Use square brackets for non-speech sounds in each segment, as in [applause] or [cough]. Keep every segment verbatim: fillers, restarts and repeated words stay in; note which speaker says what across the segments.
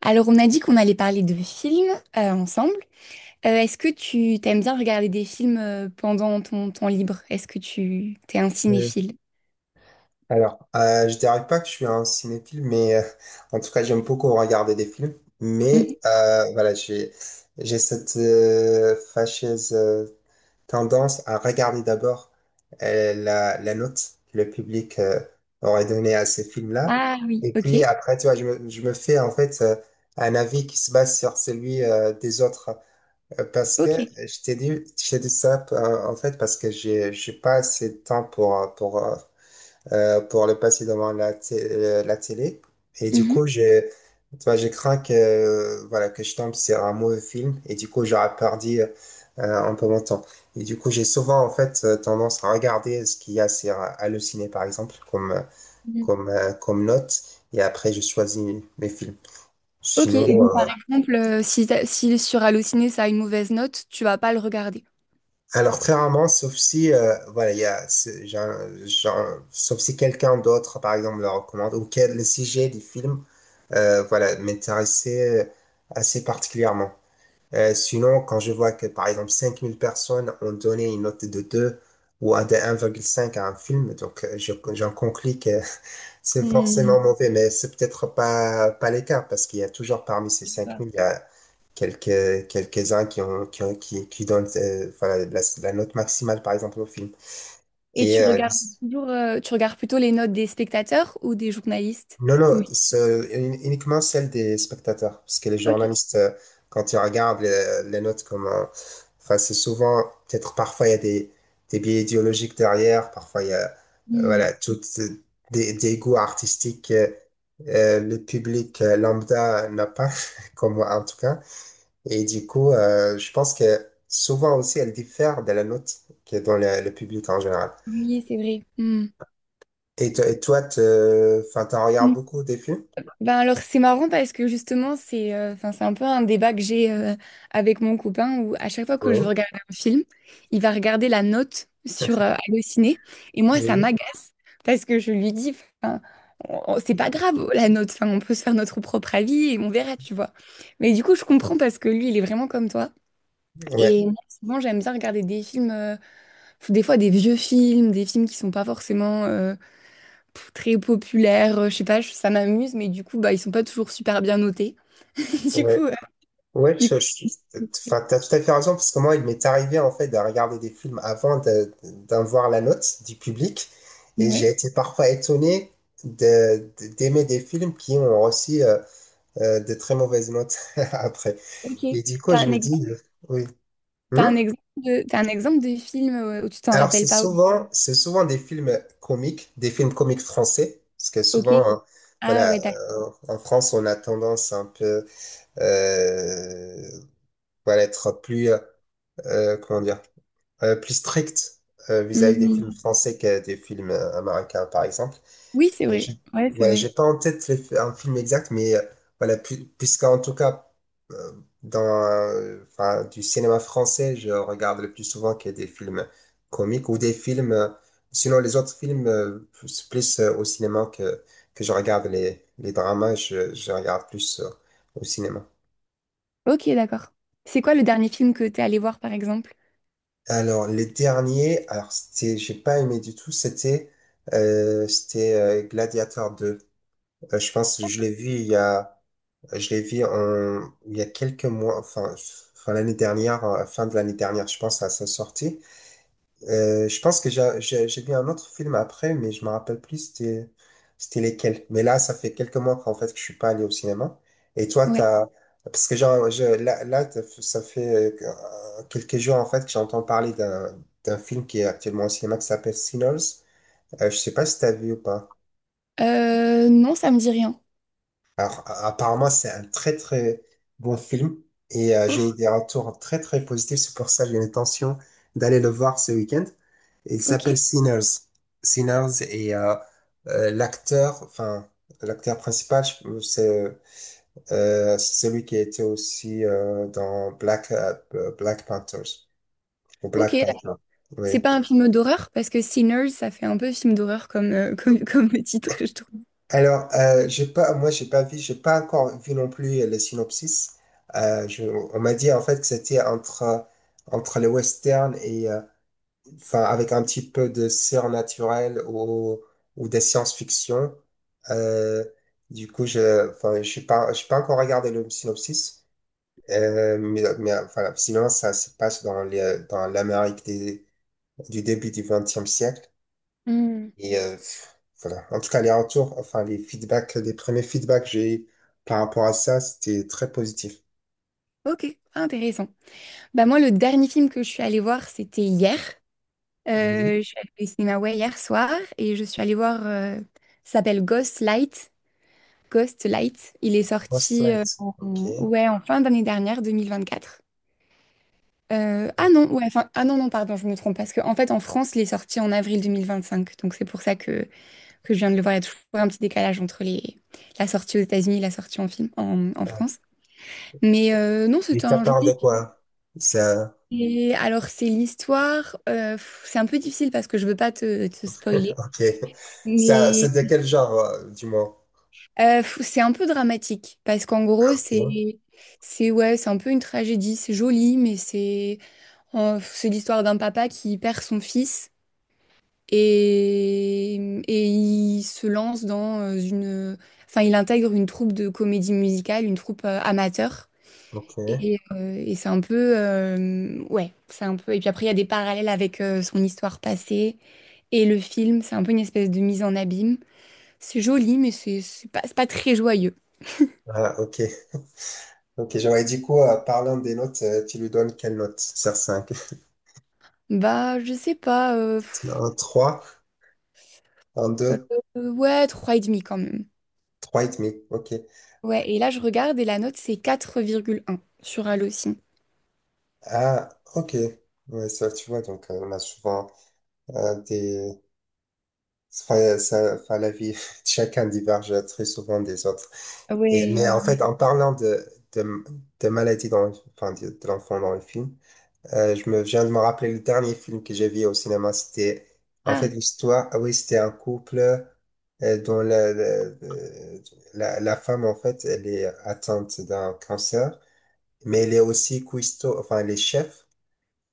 Speaker 1: Alors, on a dit qu'on allait parler de films euh, ensemble. Euh, est-ce que tu t'aimes bien regarder des films euh, pendant ton temps libre? Est-ce que tu t'es un
Speaker 2: Et
Speaker 1: cinéphile?
Speaker 2: alors, euh, je dirais pas que je suis un cinéphile, mais euh, en tout cas, j'aime beaucoup regarder des films. Mais
Speaker 1: Mhm.
Speaker 2: euh, voilà, j'ai j'ai cette euh, fâcheuse euh, tendance à regarder d'abord euh, la, la note que le public euh, aurait donnée à ces films-là.
Speaker 1: Ah oui,
Speaker 2: Et puis
Speaker 1: ok,
Speaker 2: après, tu vois, je me, je me fais en fait euh, un avis qui se base sur celui euh, des autres. Euh, parce que
Speaker 1: ok.
Speaker 2: je t'ai dit, je t'ai dit ça euh, en fait parce que j'ai j'ai pas assez de temps pour, euh, pour, euh, euh, pour le passer devant la, té- euh, la télé. Et du
Speaker 1: Mhm.
Speaker 2: coup, je, tu vois, je crains que, euh, voilà, que je tombe sur un mauvais film et du coup, j'aurais perdu euh, un peu mon temps. Et du coup, j'ai souvent, en fait, euh, tendance à regarder ce qu'il y a sur euh, Allociné, par exemple, comme, euh,
Speaker 1: Mhm.
Speaker 2: comme, euh, comme note. Et après, je choisis mes films.
Speaker 1: Ok, et
Speaker 2: Sinon,
Speaker 1: donc par
Speaker 2: euh,
Speaker 1: exemple, euh, si, t'as- si sur Allociné ça a une mauvaise note, tu vas pas le regarder.
Speaker 2: alors très rarement, sauf si euh, voilà, il y a, c'est- j'ai un- j'ai un- sauf si quelqu'un d'autre, par exemple, le recommande ou quel le sujet du film, euh, voilà, m'intéressait euh, assez particulièrement. Euh, sinon, quand je vois que par exemple cinq mille personnes ont donné une note de deux ou un de un virgule cinq à un film, donc euh, je- j'en conclus que [laughs] c'est
Speaker 1: Mhm.
Speaker 2: forcément mauvais, mais c'est peut-être pas pas l'écart parce qu'il y a toujours parmi ces cinq mille, quelques, quelques-uns qui ont, qui ont- qui, qui donnent, euh, voilà, la, la note maximale, par exemple, au film.
Speaker 1: Et
Speaker 2: Et,
Speaker 1: tu
Speaker 2: euh,
Speaker 1: regardes toujours, euh, tu regardes plutôt les notes des spectateurs ou des journalistes?
Speaker 2: non, non,
Speaker 1: Oui.
Speaker 2: ce- un- uniquement celle des spectateurs, parce que les
Speaker 1: Ok.
Speaker 2: journalistes, euh, quand ils regardent les, les notes comme, un- enfin, c'est souvent, peut-être parfois il y a des, des biais idéologiques derrière, parfois il y a, euh,
Speaker 1: Mhm.
Speaker 2: voilà, toutes euh, des, des goûts artistiques, euh, euh, le public euh, lambda n'a pas, [laughs] comme moi en tout cas. Et du coup, euh, je pense que souvent aussi, elle diffère de la note qui est dans le, le public en général.
Speaker 1: Oui, c'est vrai. Mhm.
Speaker 2: Et, to- et toi, te, enfin, t'en regardes beaucoup des films?
Speaker 1: Ben alors c'est marrant parce que justement c'est euh, enfin c'est un peu un débat que j'ai euh, avec mon copain où à chaque fois que je veux
Speaker 2: Oui.
Speaker 1: regarder un film, il va regarder la note sur euh, Allociné et moi ça
Speaker 2: Oui.
Speaker 1: m'agace parce que je lui dis enfin on- on- c'est pas grave la note, enfin on peut se faire notre propre avis et on verra, tu vois. Mais du coup je comprends parce que lui il est vraiment comme toi
Speaker 2: Ouais,
Speaker 1: et moi souvent j'aime bien regarder des films euh, des fois des vieux films, des films qui sont pas forcément euh, pff, très populaires, euh, je sais pas, je- ça m'amuse, mais du coup, bah, ils sont pas toujours super bien notés. [laughs] Du
Speaker 2: ouais.
Speaker 1: coup, euh,
Speaker 2: Ouais,
Speaker 1: du coup,
Speaker 2: je, je, enfin, t'as tout à fait raison, parce que moi, il m'est arrivé, en fait, de regarder des films avant de, d'en voir la note du public. Et j'ai
Speaker 1: ouais.
Speaker 2: été parfois étonné de, de- d'aimer des films qui ont reçu euh, euh, de très mauvaises notes [laughs] après.
Speaker 1: Ok.
Speaker 2: Et du coup,
Speaker 1: T'as
Speaker 2: je
Speaker 1: un
Speaker 2: me dis,
Speaker 1: exemple,
Speaker 2: euh, oui.
Speaker 1: t'as un
Speaker 2: Hmm.
Speaker 1: exemple de, t'as un exemple de film euh, où tu t'en
Speaker 2: Alors,
Speaker 1: rappelles
Speaker 2: c'est
Speaker 1: pas? Ou-
Speaker 2: souvent, c'est souvent des films comiques, des films comiques français, parce que
Speaker 1: Ok.
Speaker 2: souvent, euh,
Speaker 1: Ah
Speaker 2: voilà,
Speaker 1: ouais, d'accord.
Speaker 2: euh, en France, on a tendance un peu, euh, voilà, être plus, euh, comment dire, euh, plus strict euh, vis-à-vis des films
Speaker 1: Mhm.
Speaker 2: français que des films euh, américains, par exemple.
Speaker 1: Oui, c'est
Speaker 2: Et
Speaker 1: vrai.
Speaker 2: je,
Speaker 1: Ouais, c'est
Speaker 2: ouais, j'ai
Speaker 1: vrai.
Speaker 2: pas en tête le f- un film exact, mais euh, voilà, pu- puisqu'en tout cas, euh, dans euh, enfin, du cinéma français, je regarde le plus souvent que des films comiques ou des films, euh, sinon les autres films, euh, plus, plus, euh, au cinéma que, que je regarde les, les dramas, je, je regarde plus euh, au cinéma.
Speaker 1: Ok, d'accord. C'est quoi le dernier film que t'es allé voir, par exemple?
Speaker 2: Alors, les derniers, alors c'était, j'ai pas aimé du tout, c'était euh, c'était euh, Gladiator deux. Euh, je pense que je l'ai vu il y a Je l'ai vu en- il y a quelques mois, enfin, enfin l'année dernière, euh, fin de l'année dernière, je pense, à sa sortie. Euh, je pense que j'ai j'ai- j'ai vu un autre film après, mais je me rappelle plus c'était c'était lesquels. Mais là, ça fait quelques mois qu'en fait que je suis pas allé au cinéma. Et toi,
Speaker 1: Ouais.
Speaker 2: t'as, parce que genre, je, là, là, t'as- ça fait euh, quelques jours en fait que j'entends parler d'un d'un film qui est actuellement au cinéma qui s'appelle Sinners. Euh, je sais pas si t'as vu ou pas.
Speaker 1: Euh, non, ça me dit rien.
Speaker 2: Alors, a- apparemment, c'est un très très bon film et euh, j'ai eu
Speaker 1: Ok,
Speaker 2: des retours très très positifs. C'est pour ça que j'ai l'intention d'aller le voir ce week-end. Il
Speaker 1: ok.
Speaker 2: s'appelle Sinners. Sinners et euh, euh, l'acteur, enfin, l'acteur principal, je- c'est euh, celui qui était aussi euh, dans Black, euh, Black Panthers ou
Speaker 1: Ok,
Speaker 2: Black Panther. Oui.
Speaker 1: c'est pas un film d'horreur parce que Sinners, ça fait un peu film d'horreur comme, euh, [laughs] comme, comme titre, je trouve.
Speaker 2: Alors, euh, j'ai pas, moi, j'ai pas vu, j'ai pas encore vu non plus le synopsis. Euh, je, on m'a dit en fait que c'était entre entre le western et euh, enfin avec un petit peu de surnaturel ou ou des science-fiction. Euh, du coup, je, enfin, je suis pas, je suis pas encore regardé le synopsis. Euh, mais, mais enfin, sinon, ça se passe dans les, dans l'Amérique des- du début du vingtième siècle.
Speaker 1: Hmm.
Speaker 2: Et euh, voilà. En tout cas, les retours, enfin, les feedbacks, les premiers feedbacks que j'ai eu par rapport à ça, c'était très positif.
Speaker 1: Ok, intéressant. Bah moi, le dernier film que je suis allée voir, c'était hier.
Speaker 2: Oui,
Speaker 1: Euh, je suis allée au cinéma ouais, hier soir et je suis allée voir, euh, ça s'appelle Ghost Light. Ghost Light. Il est sorti euh,
Speaker 2: post-flight.
Speaker 1: en,
Speaker 2: OK.
Speaker 1: ouais, en fin d'année dernière, deux mille vingt-quatre. Euh, ah
Speaker 2: Donc,
Speaker 1: non, ouais, enfin, ah non, non, pardon, je me trompe parce qu'en fait, en France, il est sorti en avril deux mille vingt-cinq. Donc c'est pour ça que, que je viens de le voir. Il y a toujours un petit décalage entre les, la sortie aux États-Unis et la sortie en film en, en
Speaker 2: euh,
Speaker 1: France. Mais euh, non,
Speaker 2: et
Speaker 1: c'était
Speaker 2: ça
Speaker 1: un
Speaker 2: parle de
Speaker 1: joli.
Speaker 2: quoi? Ça,
Speaker 1: Et alors, c'est l'histoire. euh, pff, c'est un peu difficile parce que je veux pas te, te spoiler.
Speaker 2: OK. Ça,
Speaker 1: Mais
Speaker 2: c'est de quel genre, euh, du moins?
Speaker 1: euh, pff, c'est un peu dramatique parce qu'en
Speaker 2: Ah,
Speaker 1: gros,
Speaker 2: OK.
Speaker 1: c'est c'est ouais, c'est un peu une tragédie. C'est joli, mais c'est euh, c'est l'histoire d'un papa qui perd son fils et et il se lance dans euh, une. Enfin, il intègre une troupe de comédie musicale, une troupe euh, amateur.
Speaker 2: OK.
Speaker 1: Et, euh, et c'est un peu, euh, ouais, c'est un peu. Et puis après, il y a des parallèles avec euh, son histoire passée. Et le film, c'est un peu une espèce de mise en abîme. C'est joli, mais c'est c'est pas, c'est pas très joyeux.
Speaker 2: Ah, OK. OK. J'aurais dit quoi, euh, parlant des notes, euh, tu lui donnes quelle note sur cinq?
Speaker 1: Bah, je sais pas. euh,
Speaker 2: [laughs]
Speaker 1: pff,
Speaker 2: Un trois, un
Speaker 1: euh,
Speaker 2: deux,
Speaker 1: euh, ouais, trois virgule cinq quand même.
Speaker 2: trois virgule cinq. OK.
Speaker 1: Ouais, et là, je regarde et la note, c'est quatre virgule un sur Allociné.
Speaker 2: Ah, OK. Ouais, ça, tu vois, donc, euh, on a souvent euh, des enfin, ça, enfin, la vie, [laughs] chacun diverge très souvent des autres. Et,
Speaker 1: Ouais, ouais,
Speaker 2: mais en
Speaker 1: ouais.
Speaker 2: fait, en parlant de, de, de maladies dans, le- enfin, de, de l'enfant dans le film, euh, je me viens de me rappeler le dernier film que j'ai vu au cinéma. C'était, en fait,
Speaker 1: Ah,
Speaker 2: l'histoire, ah oui, c'était un couple euh, dont la, la, la, la femme, en fait, elle est atteinte d'un cancer, mais elle est aussi cuistot, enfin, elle est chef.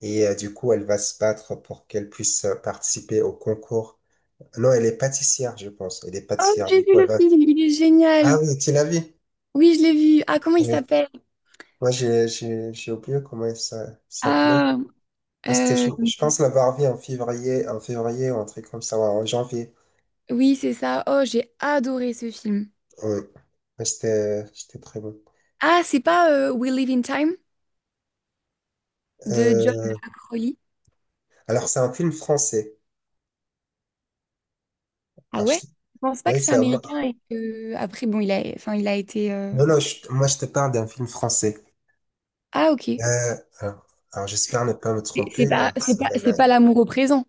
Speaker 2: Et euh, du coup, elle va se battre pour qu'elle puisse euh, participer au concours non, elle est pâtissière, je pense. Elle est
Speaker 1: oh,
Speaker 2: pâtissière.
Speaker 1: j'ai
Speaker 2: Du
Speaker 1: vu
Speaker 2: coup, elle
Speaker 1: le
Speaker 2: va-
Speaker 1: film, il est génial.
Speaker 2: Ah oui, tu l'as vu?
Speaker 1: Oui, je l'ai vu. Ah, comment il
Speaker 2: Ouais.
Speaker 1: s'appelle?
Speaker 2: Moi, j'ai j'ai- j'ai oublié comment elle s'a- s'appelait.
Speaker 1: Ah,
Speaker 2: Mais C'était, je,
Speaker 1: euh,
Speaker 2: je pense l'avoir vu en février, en février ou un truc comme ça, ouais, en janvier.
Speaker 1: oui, c'est ça. Oh, j'ai adoré ce film.
Speaker 2: Oui. Mais C'était c'était très bon.
Speaker 1: Ah, c'est pas euh, We Live in Time de John.
Speaker 2: Euh, alors, c'est un film français.
Speaker 1: Ah
Speaker 2: Alors,
Speaker 1: ouais?
Speaker 2: je-
Speaker 1: Je pense pas que
Speaker 2: oui,
Speaker 1: c'est
Speaker 2: c'est un- moi-
Speaker 1: américain et que après bon il a enfin il a été euh,
Speaker 2: non, non, je- moi, je te parle d'un film français.
Speaker 1: Ah ok.
Speaker 2: Euh, alors, alors, j'espère ne pas me
Speaker 1: Et
Speaker 2: tromper.
Speaker 1: C'est
Speaker 2: euh,
Speaker 1: pas c'est
Speaker 2: c'est
Speaker 1: pas
Speaker 2: la-
Speaker 1: c'est
Speaker 2: la-
Speaker 1: pas l'amour au présent.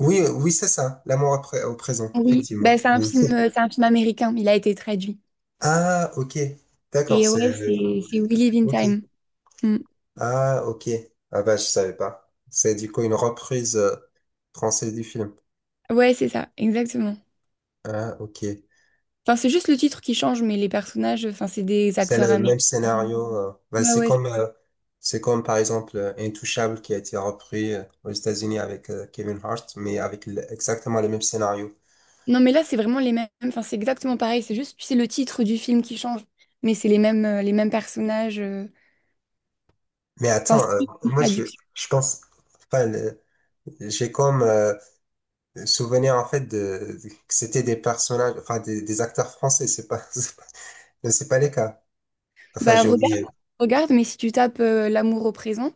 Speaker 2: Oui, oui, c'est ça. L'amour après- au présent,
Speaker 1: Oui,
Speaker 2: effectivement.
Speaker 1: bah, c'est un
Speaker 2: Oui.
Speaker 1: film
Speaker 2: [laughs]
Speaker 1: euh, c'est un film américain, il a été traduit.
Speaker 2: Ah, ok. D'accord,
Speaker 1: Et
Speaker 2: c'est...
Speaker 1: ouais, c'est c'est We Live in
Speaker 2: Ok.
Speaker 1: Time. Mm.
Speaker 2: Ah, ok. Ah bah, je savais pas. C'est du coup une reprise euh, française du film.
Speaker 1: Ouais, c'est ça, exactement.
Speaker 2: Ah, ok.
Speaker 1: Enfin, c'est juste le titre qui change mais les personnages enfin c'est des
Speaker 2: C'est
Speaker 1: acteurs
Speaker 2: le
Speaker 1: américains.
Speaker 2: même scénario. euh. Bah,
Speaker 1: Ouais,
Speaker 2: c'est
Speaker 1: ouais.
Speaker 2: comme, euh, c'est comme, par exemple, euh, Intouchable qui a été repris euh, aux États-Unis avec euh, Kevin Hart, mais avec le- exactement le même scénario.
Speaker 1: Non mais là c'est vraiment les mêmes, enfin c'est exactement pareil, c'est juste tu sais le titre du film qui change mais c'est les mêmes euh, les mêmes personnages euh.
Speaker 2: Mais
Speaker 1: Enfin,
Speaker 2: attends,
Speaker 1: c'est
Speaker 2: euh,
Speaker 1: juste une
Speaker 2: moi, je,
Speaker 1: traduction.
Speaker 2: je pense... Enfin, le- j'ai comme euh, souvenir, en fait, de, de- que c'était des personnages, enfin, des, des acteurs français. C'est pas... [laughs] c'est pas. Non, c'est pas les cas. Enfin,
Speaker 1: Bah
Speaker 2: j'ai
Speaker 1: regarde,
Speaker 2: oublié.
Speaker 1: regarde, mais si tu tapes euh, L'amour au présent,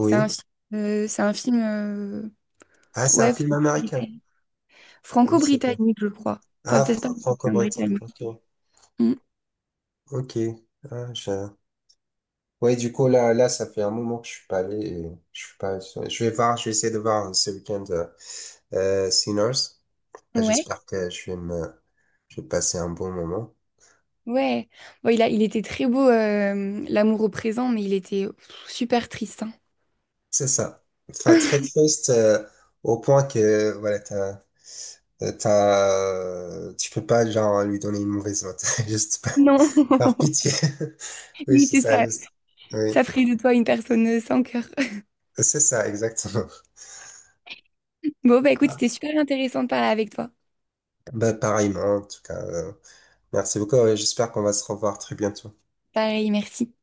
Speaker 1: c'est un, fi- euh, c'est un film euh,
Speaker 2: Ah, c'est un
Speaker 1: ouais,
Speaker 2: film américain. Oui, c'est pas.
Speaker 1: franco-britannique, je crois. Pas
Speaker 2: Ah,
Speaker 1: peut-être pas
Speaker 2: fr-
Speaker 1: mais
Speaker 2: franco-britannique.
Speaker 1: britannique.
Speaker 2: Ok.
Speaker 1: Mm.
Speaker 2: Ok. Ah, je... Ouais, du coup, là, là, ça fait un moment que je suis pas allé. Et je suis pas... Je vais voir, je vais essayer de voir euh, ce week-end euh, euh, Sinners. Ah,
Speaker 1: Ouais,
Speaker 2: j'espère que je vais me... je vais passer un bon moment.
Speaker 1: ouais. Bon, il a, il était très beau, euh, L'amour au présent, mais il était pff, super triste, hein.
Speaker 2: C'est ça. Enfin, très triste euh, au point que, voilà, t'as, t'as, tu peux pas, genre, lui donner une mauvaise note. [laughs] Juste
Speaker 1: Non.
Speaker 2: par
Speaker 1: [laughs]
Speaker 2: pitié. [laughs] Oui,
Speaker 1: Oui,
Speaker 2: c'est
Speaker 1: c'est
Speaker 2: ça. je-
Speaker 1: ça.
Speaker 2: Oui,
Speaker 1: Ça ferait de toi une personne euh, sans cœur. [laughs]
Speaker 2: c'est ça, exactement.
Speaker 1: Bon, bah écoute,
Speaker 2: Ah,
Speaker 1: c'était super intéressant de parler avec toi.
Speaker 2: bah, pareillement, en tout cas. Euh, merci beaucoup. Et j'espère qu'on va se revoir très bientôt.
Speaker 1: Pareil, merci.